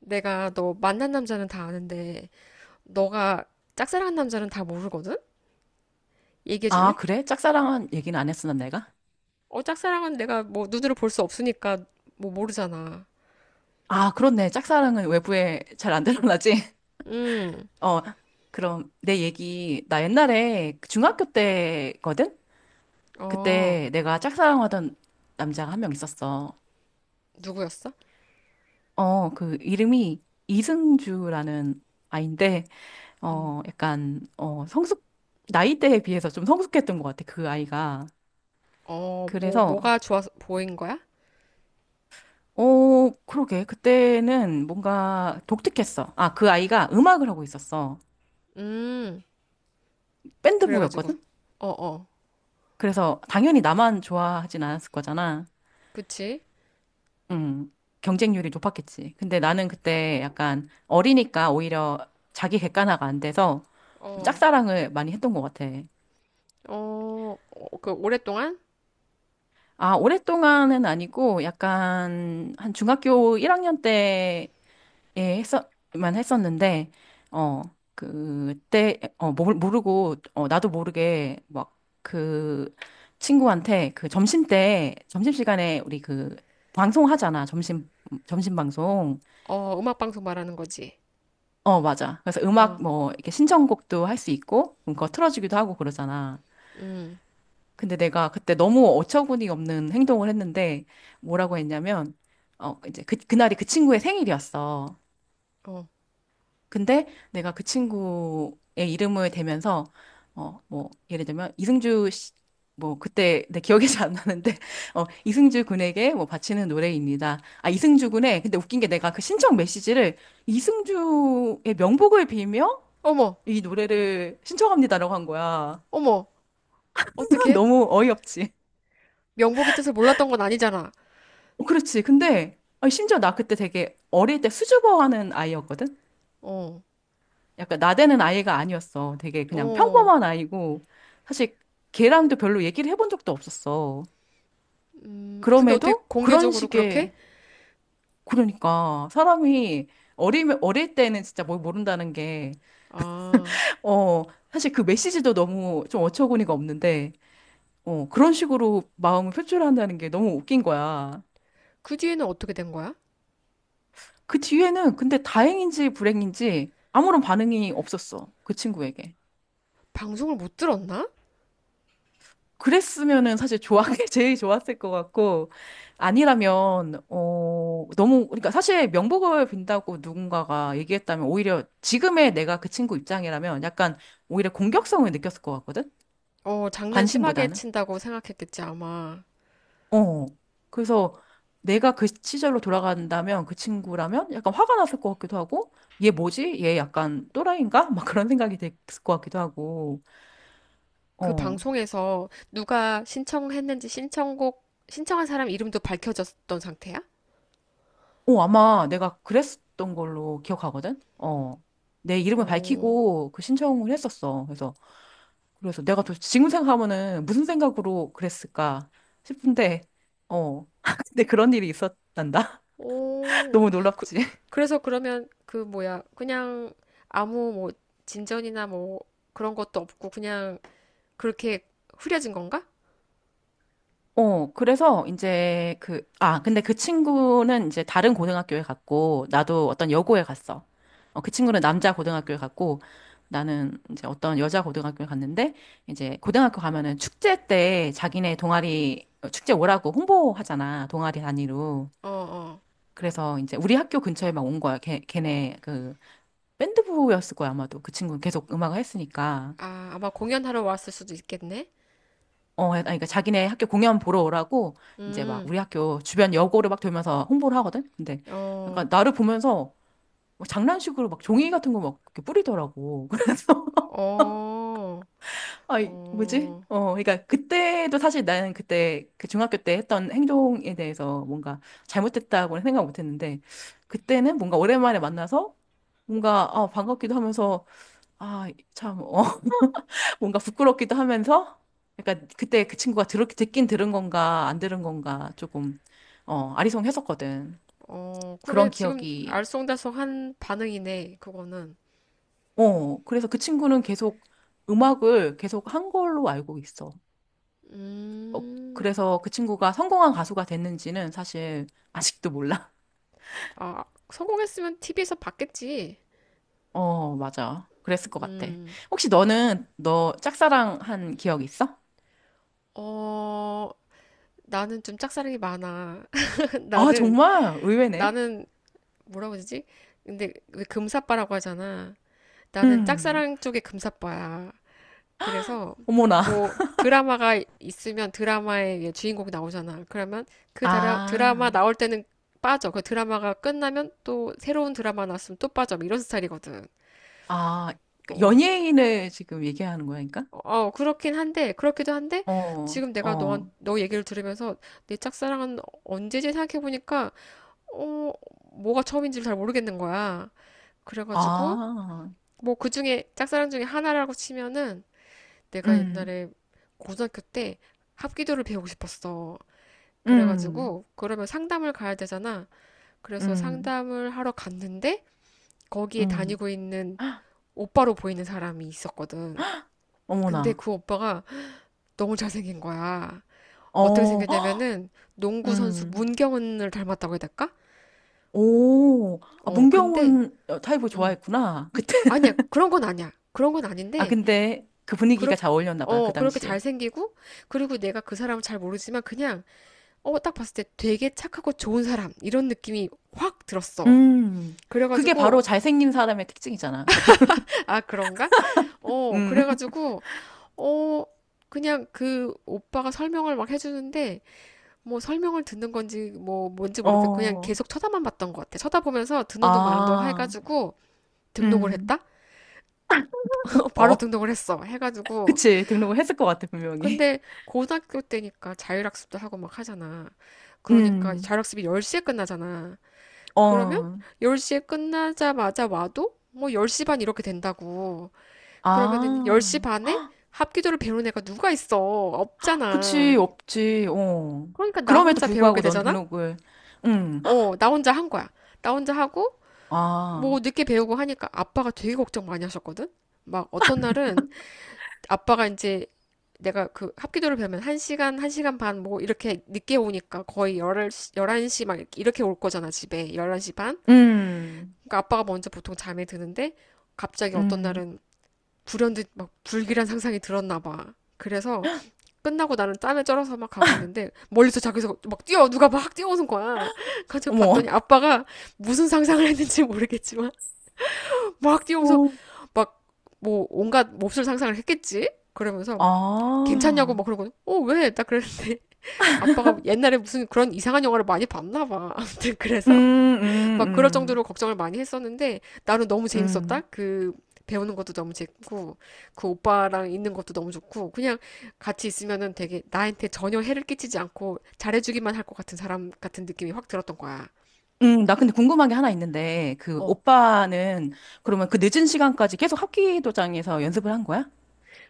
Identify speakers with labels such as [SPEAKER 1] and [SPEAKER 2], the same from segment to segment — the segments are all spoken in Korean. [SPEAKER 1] 내가 너 만난 남자는 다 아는데 너가 짝사랑한 남자는 다 모르거든? 얘기해
[SPEAKER 2] 아,
[SPEAKER 1] 줄래?
[SPEAKER 2] 그래? 짝사랑은 얘기는 안 했었나, 내가?
[SPEAKER 1] 어, 짝사랑은 내가 뭐 눈으로 볼 수 없으니까 뭐 모르잖아.
[SPEAKER 2] 아, 그렇네. 짝사랑은 외부에 잘 안 드러나지?
[SPEAKER 1] 음.
[SPEAKER 2] 어, 그럼 내 얘기, 나 옛날에 그 중학교 때거든?
[SPEAKER 1] 어,
[SPEAKER 2] 그때 내가 짝사랑하던 남자가 한 명 있었어.
[SPEAKER 1] 누구였어?
[SPEAKER 2] 그 이름이 이승주라는 아인데, 약간 나이대에 비해서 좀 성숙했던 것 같아, 그 아이가.
[SPEAKER 1] 어, 뭐
[SPEAKER 2] 그래서,
[SPEAKER 1] 뭐가 좋아서 보인 거야?
[SPEAKER 2] 그러게. 그때는 뭔가 독특했어. 아, 그 아이가 음악을 하고 있었어.
[SPEAKER 1] 음, 그래가지고.
[SPEAKER 2] 밴드부였거든?
[SPEAKER 1] 어, 어,
[SPEAKER 2] 그래서 당연히 나만 좋아하진 않았을 거잖아.
[SPEAKER 1] 그치?
[SPEAKER 2] 음, 경쟁률이 높았겠지. 근데 나는 그때 약간 어리니까 오히려 자기 객관화가 안 돼서 좀
[SPEAKER 1] 어,
[SPEAKER 2] 짝사랑을 많이 했던 것 같아.
[SPEAKER 1] 어, 어, 그 오랫동안.
[SPEAKER 2] 아, 오랫동안은 아니고 약간 한 중학교 1학년 때 예, 했었만 했었는데, 어, 그때, 모르고, 나도 모르게, 막, 그, 친구한테, 그, 점심 때, 점심시간에 우리 그, 방송하잖아. 점심, 점심 방송.
[SPEAKER 1] 어, 음악 방송 말하는 거지.
[SPEAKER 2] 어, 맞아. 그래서
[SPEAKER 1] 어,
[SPEAKER 2] 음악, 뭐, 이렇게 신청곡도 할 수 있고, 그거 틀어주기도 하고 그러잖아.
[SPEAKER 1] 음,
[SPEAKER 2] 근데 내가 그때 너무 어처구니 없는 행동을 했는데, 뭐라고 했냐면, 이제 그, 그날이 그 친구의 생일이었어.
[SPEAKER 1] 어,
[SPEAKER 2] 근데 내가 그 친구의 이름을 대면서 뭐 예를 들면 이승주 씨, 뭐 그때 내 기억이 잘 안 나는데 이승주 군에게 뭐 바치는 노래입니다. 아 이승주 군의 근데 웃긴 게 내가 그 신청 메시지를 이승주의 명복을 빌며
[SPEAKER 1] 어머,
[SPEAKER 2] 이 노래를 신청합니다라고 한 거야.
[SPEAKER 1] 어머, 어떻게?
[SPEAKER 2] 너무 어이없지.
[SPEAKER 1] 명복이 뜻을 몰랐던 건 아니잖아.
[SPEAKER 2] 어, 그렇지. 근데 아니, 심지어 나 그때 되게 어릴 때 수줍어하는 아이였거든.
[SPEAKER 1] 어,
[SPEAKER 2] 약간 나대는 아이가 아니었어. 되게 그냥
[SPEAKER 1] 어.
[SPEAKER 2] 평범한 아이고 사실 걔랑도 별로 얘기를 해본 적도 없었어.
[SPEAKER 1] 근데 어떻게
[SPEAKER 2] 그럼에도 그런
[SPEAKER 1] 공개적으로
[SPEAKER 2] 식의
[SPEAKER 1] 그렇게?
[SPEAKER 2] 그러니까 사람이 어리 어릴 때는 진짜 뭘 모른다는 게
[SPEAKER 1] 아,
[SPEAKER 2] 어, 사실 그 메시지도 너무 좀 어처구니가 없는데 그런 식으로 마음을 표출한다는 게 너무 웃긴 거야.
[SPEAKER 1] 그 뒤에는 어떻게 된 거야?
[SPEAKER 2] 그 뒤에는 근데 다행인지 불행인지 아무런 반응이 없었어. 그 친구에게.
[SPEAKER 1] 방송을 못 들었나?
[SPEAKER 2] 그랬으면은 사실 좋아, 제일 좋았을 것 같고, 아니라면, 너무, 그러니까 사실 명복을 빈다고 누군가가 얘기했다면 오히려 지금의 내가 그 친구 입장이라면 약간 오히려 공격성을 느꼈을 것 같거든?
[SPEAKER 1] 어, 장난 심하게
[SPEAKER 2] 관심보다는?
[SPEAKER 1] 친다고 생각했겠지, 아마.
[SPEAKER 2] 어. 그래서 내가 그 시절로 돌아간다면 그 친구라면 약간 화가 났을 것 같기도 하고, 얘 뭐지? 얘 약간 또라이인가? 막 그런 생각이 됐을 것 같기도 하고,
[SPEAKER 1] 그
[SPEAKER 2] 어.
[SPEAKER 1] 방송에서 누가 신청했는지 신청곡, 신청한 사람 이름도 밝혀졌던 상태야?
[SPEAKER 2] 어, 아마 내가 그랬던 걸로 기억하거든? 어. 내 이름을
[SPEAKER 1] 오.
[SPEAKER 2] 밝히고 그 신청을 했었어. 그래서, 그래서 내가 또 지금 생각하면은 무슨 생각으로 그랬을까 싶은데, 어. 근데 그런 일이 있었단다.
[SPEAKER 1] 오,
[SPEAKER 2] 너무
[SPEAKER 1] 그,
[SPEAKER 2] 놀랍지.
[SPEAKER 1] 그래서 그러면 그 뭐야, 그냥 아무 뭐 진전이나 뭐 그런 것도 없고 그냥 그렇게 흐려진 건가?
[SPEAKER 2] 그래서 이제 그, 아, 근데 그 친구는 이제 다른 고등학교에 갔고, 나도 어떤 여고에 갔어. 그 친구는 남자 고등학교에 갔고, 나는 이제 어떤 여자 고등학교에 갔는데, 이제 고등학교 가면은 축제 때 자기네 동아리, 축제 오라고 홍보하잖아, 동아리 단위로.
[SPEAKER 1] 어, 어.
[SPEAKER 2] 그래서 이제 우리 학교 근처에 막 온 거야. 걔네 그 밴드부였을 거야, 아마도. 그 친구는 계속 음악을 했으니까.
[SPEAKER 1] 아, 아마 공연하러 왔을 수도 있겠네.
[SPEAKER 2] 아니, 그러니까 자기네 학교 공연 보러 오라고 이제 막
[SPEAKER 1] 음.
[SPEAKER 2] 우리 학교 주변 여고를 막 돌면서 홍보를 하거든. 근데
[SPEAKER 1] 어,
[SPEAKER 2] 약간 나를 보면서 막 장난식으로 막 종이 같은 거 막 뿌리더라고. 그래서
[SPEAKER 1] 어,
[SPEAKER 2] 아이 뭐지?
[SPEAKER 1] 어,
[SPEAKER 2] 그러니까 그때도 사실 나는 그때 그 중학교 때 했던 행동에 대해서 뭔가 잘못됐다고는 생각 못 했는데 그때는 뭔가 오랜만에 만나서 뭔가 아, 반갑기도 하면서 아, 참 어. 뭔가 부끄럽기도 하면서 약간 그때 그 친구가 듣긴 들은 건가 안 들은 건가 조금 아리송했었거든.
[SPEAKER 1] 어, 그래,
[SPEAKER 2] 그런
[SPEAKER 1] 지금
[SPEAKER 2] 기억이.
[SPEAKER 1] 알쏭달쏭한 반응이네, 그거는.
[SPEAKER 2] 그래서 그 친구는 계속 음악을 계속 한 걸로 알고 있어. 어,
[SPEAKER 1] 음,
[SPEAKER 2] 그래서 그 친구가 성공한 가수가 됐는지는 사실 아직도 몰라.
[SPEAKER 1] 아, 성공했으면 TV에서 봤겠지.
[SPEAKER 2] 어, 맞아. 그랬을 것 같아. 혹시 너는 너 짝사랑한 기억 있어?
[SPEAKER 1] 어, 나는 좀 짝사랑이 많아.
[SPEAKER 2] 아,
[SPEAKER 1] 나는,
[SPEAKER 2] 정말 의외네.
[SPEAKER 1] 나는, 뭐라고 그러지? 근데 왜 금사빠라고 하잖아. 나는
[SPEAKER 2] 음,
[SPEAKER 1] 짝사랑 쪽에 금사빠야. 그래서
[SPEAKER 2] 어머나.
[SPEAKER 1] 뭐 드라마가 있으면 드라마의 주인공이 나오잖아. 그러면 드라마
[SPEAKER 2] 아.
[SPEAKER 1] 나올 때는 빠져. 그 드라마가 끝나면 또 새로운 드라마 나왔으면 또 빠져. 뭐 이런 스타일이거든.
[SPEAKER 2] 아, 그
[SPEAKER 1] 어.
[SPEAKER 2] 연예인을 지금 얘기하는 거니까?
[SPEAKER 1] 어, 그렇긴 한데, 그렇기도 한데,
[SPEAKER 2] 어,
[SPEAKER 1] 지금 내가
[SPEAKER 2] 어.
[SPEAKER 1] 너 얘기를 들으면서 내 짝사랑은 언제지 생각해보니까, 어, 뭐가 처음인지를 잘 모르겠는 거야. 그래가지고,
[SPEAKER 2] 아,
[SPEAKER 1] 뭐 그 중에, 짝사랑 중에 하나라고 치면은, 내가
[SPEAKER 2] 음,
[SPEAKER 1] 옛날에 고등학교 때 합기도를 배우고 싶었어.
[SPEAKER 2] 음,
[SPEAKER 1] 그래가지고 그러면 상담을 가야 되잖아. 그래서
[SPEAKER 2] 음,
[SPEAKER 1] 상담을 하러 갔는데 거기에
[SPEAKER 2] 음.
[SPEAKER 1] 다니고 있는
[SPEAKER 2] 헉,
[SPEAKER 1] 오빠로 보이는 사람이 있었거든. 근데
[SPEAKER 2] 어머나.
[SPEAKER 1] 그 오빠가 너무 잘생긴 거야. 어떻게
[SPEAKER 2] 어, 헉,
[SPEAKER 1] 생겼냐면은 농구 선수
[SPEAKER 2] 음.
[SPEAKER 1] 문경은을 닮았다고 해야 될까?
[SPEAKER 2] 오, 아,
[SPEAKER 1] 어, 근데
[SPEAKER 2] 문경훈 타입을
[SPEAKER 1] 음.
[SPEAKER 2] 좋아했구나. 그때.
[SPEAKER 1] 아니야. 그런 건 아니야. 그런 건
[SPEAKER 2] 아,
[SPEAKER 1] 아닌데
[SPEAKER 2] 근데 그
[SPEAKER 1] 그렇
[SPEAKER 2] 분위기가 잘 어울렸나 보다, 그
[SPEAKER 1] 그렇게
[SPEAKER 2] 당시에.
[SPEAKER 1] 잘생기고, 그리고 내가 그 사람을 잘 모르지만 그냥 어, 딱 봤을 때 되게 착하고 좋은 사람 이런 느낌이 확 들었어.
[SPEAKER 2] 음. 그게 바로
[SPEAKER 1] 그래가지고.
[SPEAKER 2] 잘생긴 사람의 특징이잖아.
[SPEAKER 1] 아 그런가? 어,
[SPEAKER 2] 음.
[SPEAKER 1] 그래가지고 어, 그냥 그 오빠가 설명을 막 해주는데 뭐 설명을 듣는 건지 뭐 뭔지 모르겠고 그냥
[SPEAKER 2] 어.
[SPEAKER 1] 계속 쳐다만 봤던 것 같아. 쳐다보면서 듣는 둥 마는 둥
[SPEAKER 2] 아.
[SPEAKER 1] 해가지고 등록을
[SPEAKER 2] 음.
[SPEAKER 1] 했다? 바로
[SPEAKER 2] 어.
[SPEAKER 1] 등록을 했어. 해가지고,
[SPEAKER 2] 그치. 등록을 했을 것 같아, 분명히.
[SPEAKER 1] 근데 고등학교 때니까 자율학습도 하고 막 하잖아. 그러니까
[SPEAKER 2] 음.
[SPEAKER 1] 자율학습이 10시에 끝나잖아. 그러면
[SPEAKER 2] 어,
[SPEAKER 1] 10시에 끝나자마자 와도 뭐 10시 반 이렇게 된다고. 그러면은 10시
[SPEAKER 2] 아,
[SPEAKER 1] 반에 합기도를 배우는 애가 누가 있어? 없잖아.
[SPEAKER 2] 그치, 없지, 어.
[SPEAKER 1] 그러니까 나
[SPEAKER 2] 그럼에도
[SPEAKER 1] 혼자 배우게
[SPEAKER 2] 불구하고 넌
[SPEAKER 1] 되잖아?
[SPEAKER 2] 등록을, 응
[SPEAKER 1] 어, 나 혼자 한 거야. 나 혼자 하고
[SPEAKER 2] 아,
[SPEAKER 1] 뭐 늦게 배우고 하니까 아빠가 되게 걱정 많이 하셨거든? 막 어떤 날은 아빠가 이제 내가 그 합기도를 배우면 1시간, 1시간 반 뭐 이렇게 늦게 오니까 거의 열1시 11시 막 이렇게 올 거잖아, 집에. 11시 반?
[SPEAKER 2] 음,
[SPEAKER 1] 그러니까 아빠가 먼저 보통 잠에 드는데 갑자기 어떤
[SPEAKER 2] 음,
[SPEAKER 1] 날은 불현듯 막 불길한 상상이 들었나 봐. 그래서 끝나고 나는 땀에 쩔어서 막 가고 있는데 멀리서 자기서 막 뛰어 누가 막 뛰어오는 거야. 그래서
[SPEAKER 2] 어머,
[SPEAKER 1] 봤더니 아빠가 무슨 상상을 했는지 모르겠지만. 막 뛰어오면서
[SPEAKER 2] 어.
[SPEAKER 1] 막 뭐 온갖 몹쓸 상상을 했겠지. 그러면서 괜찮냐고
[SPEAKER 2] 아,
[SPEAKER 1] 막 그러고. 어, 왜? 딱 그랬는데. 아빠가 옛날에 무슨 그런 이상한 영화를 많이 봤나 봐. 아무튼
[SPEAKER 2] 음,
[SPEAKER 1] 그래서
[SPEAKER 2] 음,
[SPEAKER 1] 막 그럴
[SPEAKER 2] 음,
[SPEAKER 1] 정도로 걱정을 많이 했었는데 나는 너무
[SPEAKER 2] 음,
[SPEAKER 1] 재밌었다. 그 배우는 것도 너무 재밌고 그 오빠랑 있는 것도 너무 좋고 그냥 같이 있으면은 되게 나한테 전혀 해를 끼치지 않고 잘해주기만 할 것 같은 사람 같은 느낌이 확 들었던 거야.
[SPEAKER 2] 나 근데 궁금한 게 하나 있는데, 그
[SPEAKER 1] 어.
[SPEAKER 2] 오빠는 그러면 그 늦은 시간까지 계속 합기도장에서 연습을 한 거야?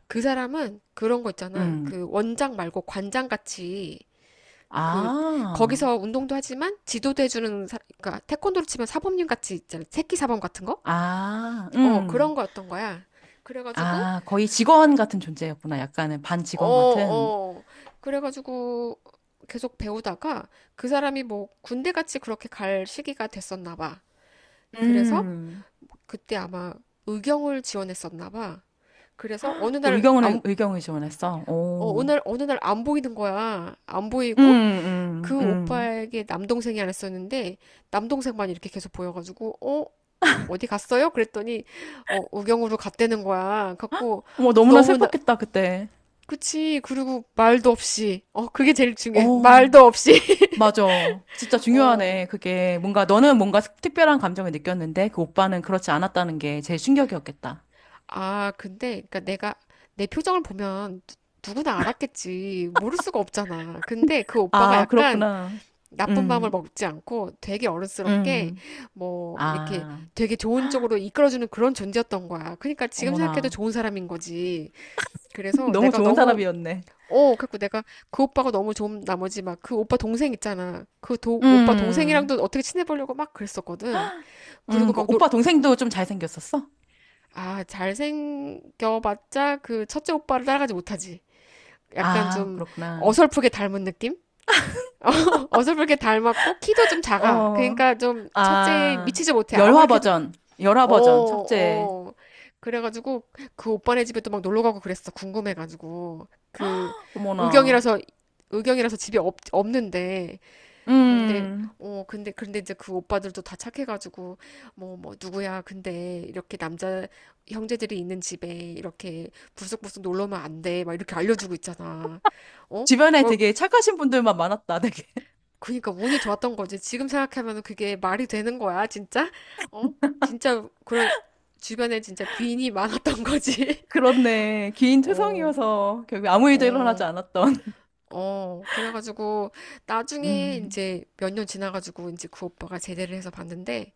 [SPEAKER 1] 그 사람은 그런 거 있잖아.
[SPEAKER 2] 음,
[SPEAKER 1] 그 원장 말고 관장 같이, 그
[SPEAKER 2] 아,
[SPEAKER 1] 거기서 운동도 하지만 지도도 해주는 그러니까 태권도로 치면 사범님 같이 있잖아. 새끼 사범 같은 거?
[SPEAKER 2] 아,
[SPEAKER 1] 어, 그런 거였던 거야. 그래가지고
[SPEAKER 2] 아, 거의 직원 같은 존재였구나. 약간은 반
[SPEAKER 1] 어,
[SPEAKER 2] 직원 같은.
[SPEAKER 1] 어. 그래가지고 계속 배우다가 그 사람이 뭐 군대 같이 그렇게 갈 시기가 됐었나 봐. 그래서
[SPEAKER 2] 음.
[SPEAKER 1] 그때 아마 의경을 지원했었나 봐. 그래서
[SPEAKER 2] 또 의경을, 의경을 지원했어.
[SPEAKER 1] 어느
[SPEAKER 2] 오.
[SPEAKER 1] 날, 어느 날 안 보이는 거야. 안
[SPEAKER 2] 음,
[SPEAKER 1] 보이고.
[SPEAKER 2] 음,
[SPEAKER 1] 그
[SPEAKER 2] 음.
[SPEAKER 1] 오빠에게 남동생이 하나 있었는데 남동생만 이렇게 계속 보여가지고 어? 어, 어디 갔어요? 그랬더니 어, 의경으로 갔다는 거야. 갖고
[SPEAKER 2] 뭐 너무나
[SPEAKER 1] 너무 나,
[SPEAKER 2] 슬펐겠다, 그때.
[SPEAKER 1] 그치. 그리고 말도 없이. 어, 그게 제일 중요해.
[SPEAKER 2] 오.
[SPEAKER 1] 말도 없이.
[SPEAKER 2] 맞아. 진짜
[SPEAKER 1] 어.
[SPEAKER 2] 중요하네. 그게 뭔가 너는 뭔가 특별한 감정을 느꼈는데 그 오빠는 그렇지 않았다는 게 제일 충격이었겠다.
[SPEAKER 1] 아, 근데, 그니까 내가, 내 표정을 보면 누구나 알았겠지. 모를 수가 없잖아. 근데 그 오빠가
[SPEAKER 2] 아,
[SPEAKER 1] 약간
[SPEAKER 2] 그렇구나.
[SPEAKER 1] 나쁜 마음을
[SPEAKER 2] 음,
[SPEAKER 1] 먹지 않고 되게 어른스럽게
[SPEAKER 2] 음.
[SPEAKER 1] 뭐, 이렇게
[SPEAKER 2] 아,
[SPEAKER 1] 되게 좋은 쪽으로 이끌어주는 그런 존재였던 거야. 그러니까 지금 생각해도
[SPEAKER 2] 어머나.
[SPEAKER 1] 좋은 사람인 거지. 그래서
[SPEAKER 2] 너무
[SPEAKER 1] 내가
[SPEAKER 2] 좋은
[SPEAKER 1] 너무,
[SPEAKER 2] 사람이었네.
[SPEAKER 1] 어, 그래고 내가 그 오빠가 너무 좋은 나머지 막 그 오빠 동생 있잖아. 오빠
[SPEAKER 2] 음,
[SPEAKER 1] 동생이랑도 어떻게 친해보려고 막 그랬었거든. 그리고
[SPEAKER 2] 그
[SPEAKER 1] 막 놀,
[SPEAKER 2] 오빠 동생도 좀 잘생겼었어?
[SPEAKER 1] 아, 잘생겨봤자 그 첫째 오빠를 따라가지 못하지. 약간
[SPEAKER 2] 아,
[SPEAKER 1] 좀
[SPEAKER 2] 그렇구나.
[SPEAKER 1] 어설프게 닮은 느낌? 어설프게 닮았고, 키도 좀 작아.
[SPEAKER 2] 어,
[SPEAKER 1] 그러니까 좀 첫째에
[SPEAKER 2] 아,
[SPEAKER 1] 미치지 못해.
[SPEAKER 2] 열화
[SPEAKER 1] 아무리 해도,
[SPEAKER 2] 버전, 열화
[SPEAKER 1] 어,
[SPEAKER 2] 버전, 첫째.
[SPEAKER 1] 어. 그래가지고 그 오빠네 집에 또 막 놀러 가고 그랬어. 궁금해가지고. 그
[SPEAKER 2] 어머나.
[SPEAKER 1] 의경이라서, 의경이라서 집에 없는데. 그런데
[SPEAKER 2] 음,
[SPEAKER 1] 어, 근데 그런데 이제 그 오빠들도 다 착해가지고 뭐 누구야, 근데 이렇게 남자 형제들이 있는 집에 이렇게 불쑥불쑥 놀러면 안 돼, 막 이렇게 알려주고 있잖아. 어?
[SPEAKER 2] 주변에
[SPEAKER 1] 어,
[SPEAKER 2] 되게 착하신 분들만 많았다, 되게.
[SPEAKER 1] 그러니까 운이 좋았던 거지. 지금 생각하면 그게 말이 되는 거야, 진짜. 어, 진짜 그런, 주변에 진짜 귀인이 많았던 거지.
[SPEAKER 2] 그렇네. 긴
[SPEAKER 1] 어.
[SPEAKER 2] 투성이어서 결국 아무 일도 일어나지
[SPEAKER 1] 어,
[SPEAKER 2] 않았던.
[SPEAKER 1] 어. 그래가지고 나중에
[SPEAKER 2] 음,
[SPEAKER 1] 이제 몇 년 지나가지고 이제 그 오빠가 제대를 해서 봤는데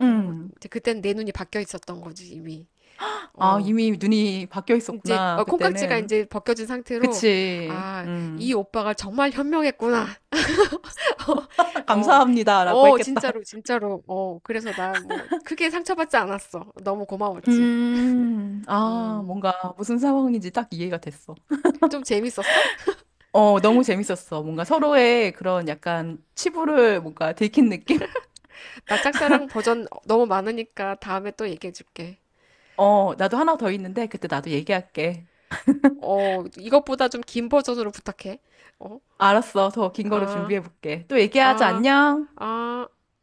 [SPEAKER 1] 뭐
[SPEAKER 2] 음.
[SPEAKER 1] 이제 그때는 내 눈이 바뀌어 있었던 거지, 이미.
[SPEAKER 2] 아,
[SPEAKER 1] 어.
[SPEAKER 2] 이미 눈이 바뀌어
[SPEAKER 1] 이제 어,
[SPEAKER 2] 있었구나,
[SPEAKER 1] 콩깍지가
[SPEAKER 2] 그때는.
[SPEAKER 1] 이제 벗겨진 상태로.
[SPEAKER 2] 그치.
[SPEAKER 1] 아, 이
[SPEAKER 2] 음.
[SPEAKER 1] 오빠가 정말 현명했구나. 어,
[SPEAKER 2] 감사합니다라고
[SPEAKER 1] 어,
[SPEAKER 2] 했겠다.
[SPEAKER 1] 진짜로 진짜로. 어, 그래서 나 뭐 크게 상처받지 않았어. 너무 고마웠지.
[SPEAKER 2] 아,
[SPEAKER 1] 음,
[SPEAKER 2] 뭔가 무슨 상황인지 딱 이해가 됐어.
[SPEAKER 1] 좀 재밌었어?
[SPEAKER 2] 어, 너무 재밌었어. 뭔가 서로의 그런 약간 치부를 뭔가 들킨 느낌?
[SPEAKER 1] 나 짝사랑 버전 너무 많으니까 다음에 또 얘기해 줄게.
[SPEAKER 2] 어, 나도 하나 더 있는데 그때 나도 얘기할게.
[SPEAKER 1] 어, 이것보다 좀 긴 버전으로 부탁해. 어,
[SPEAKER 2] 알았어. 더 긴 거로
[SPEAKER 1] 아,
[SPEAKER 2] 준비해볼게. 또 얘기하자.
[SPEAKER 1] 아,
[SPEAKER 2] 안녕.
[SPEAKER 1] 아.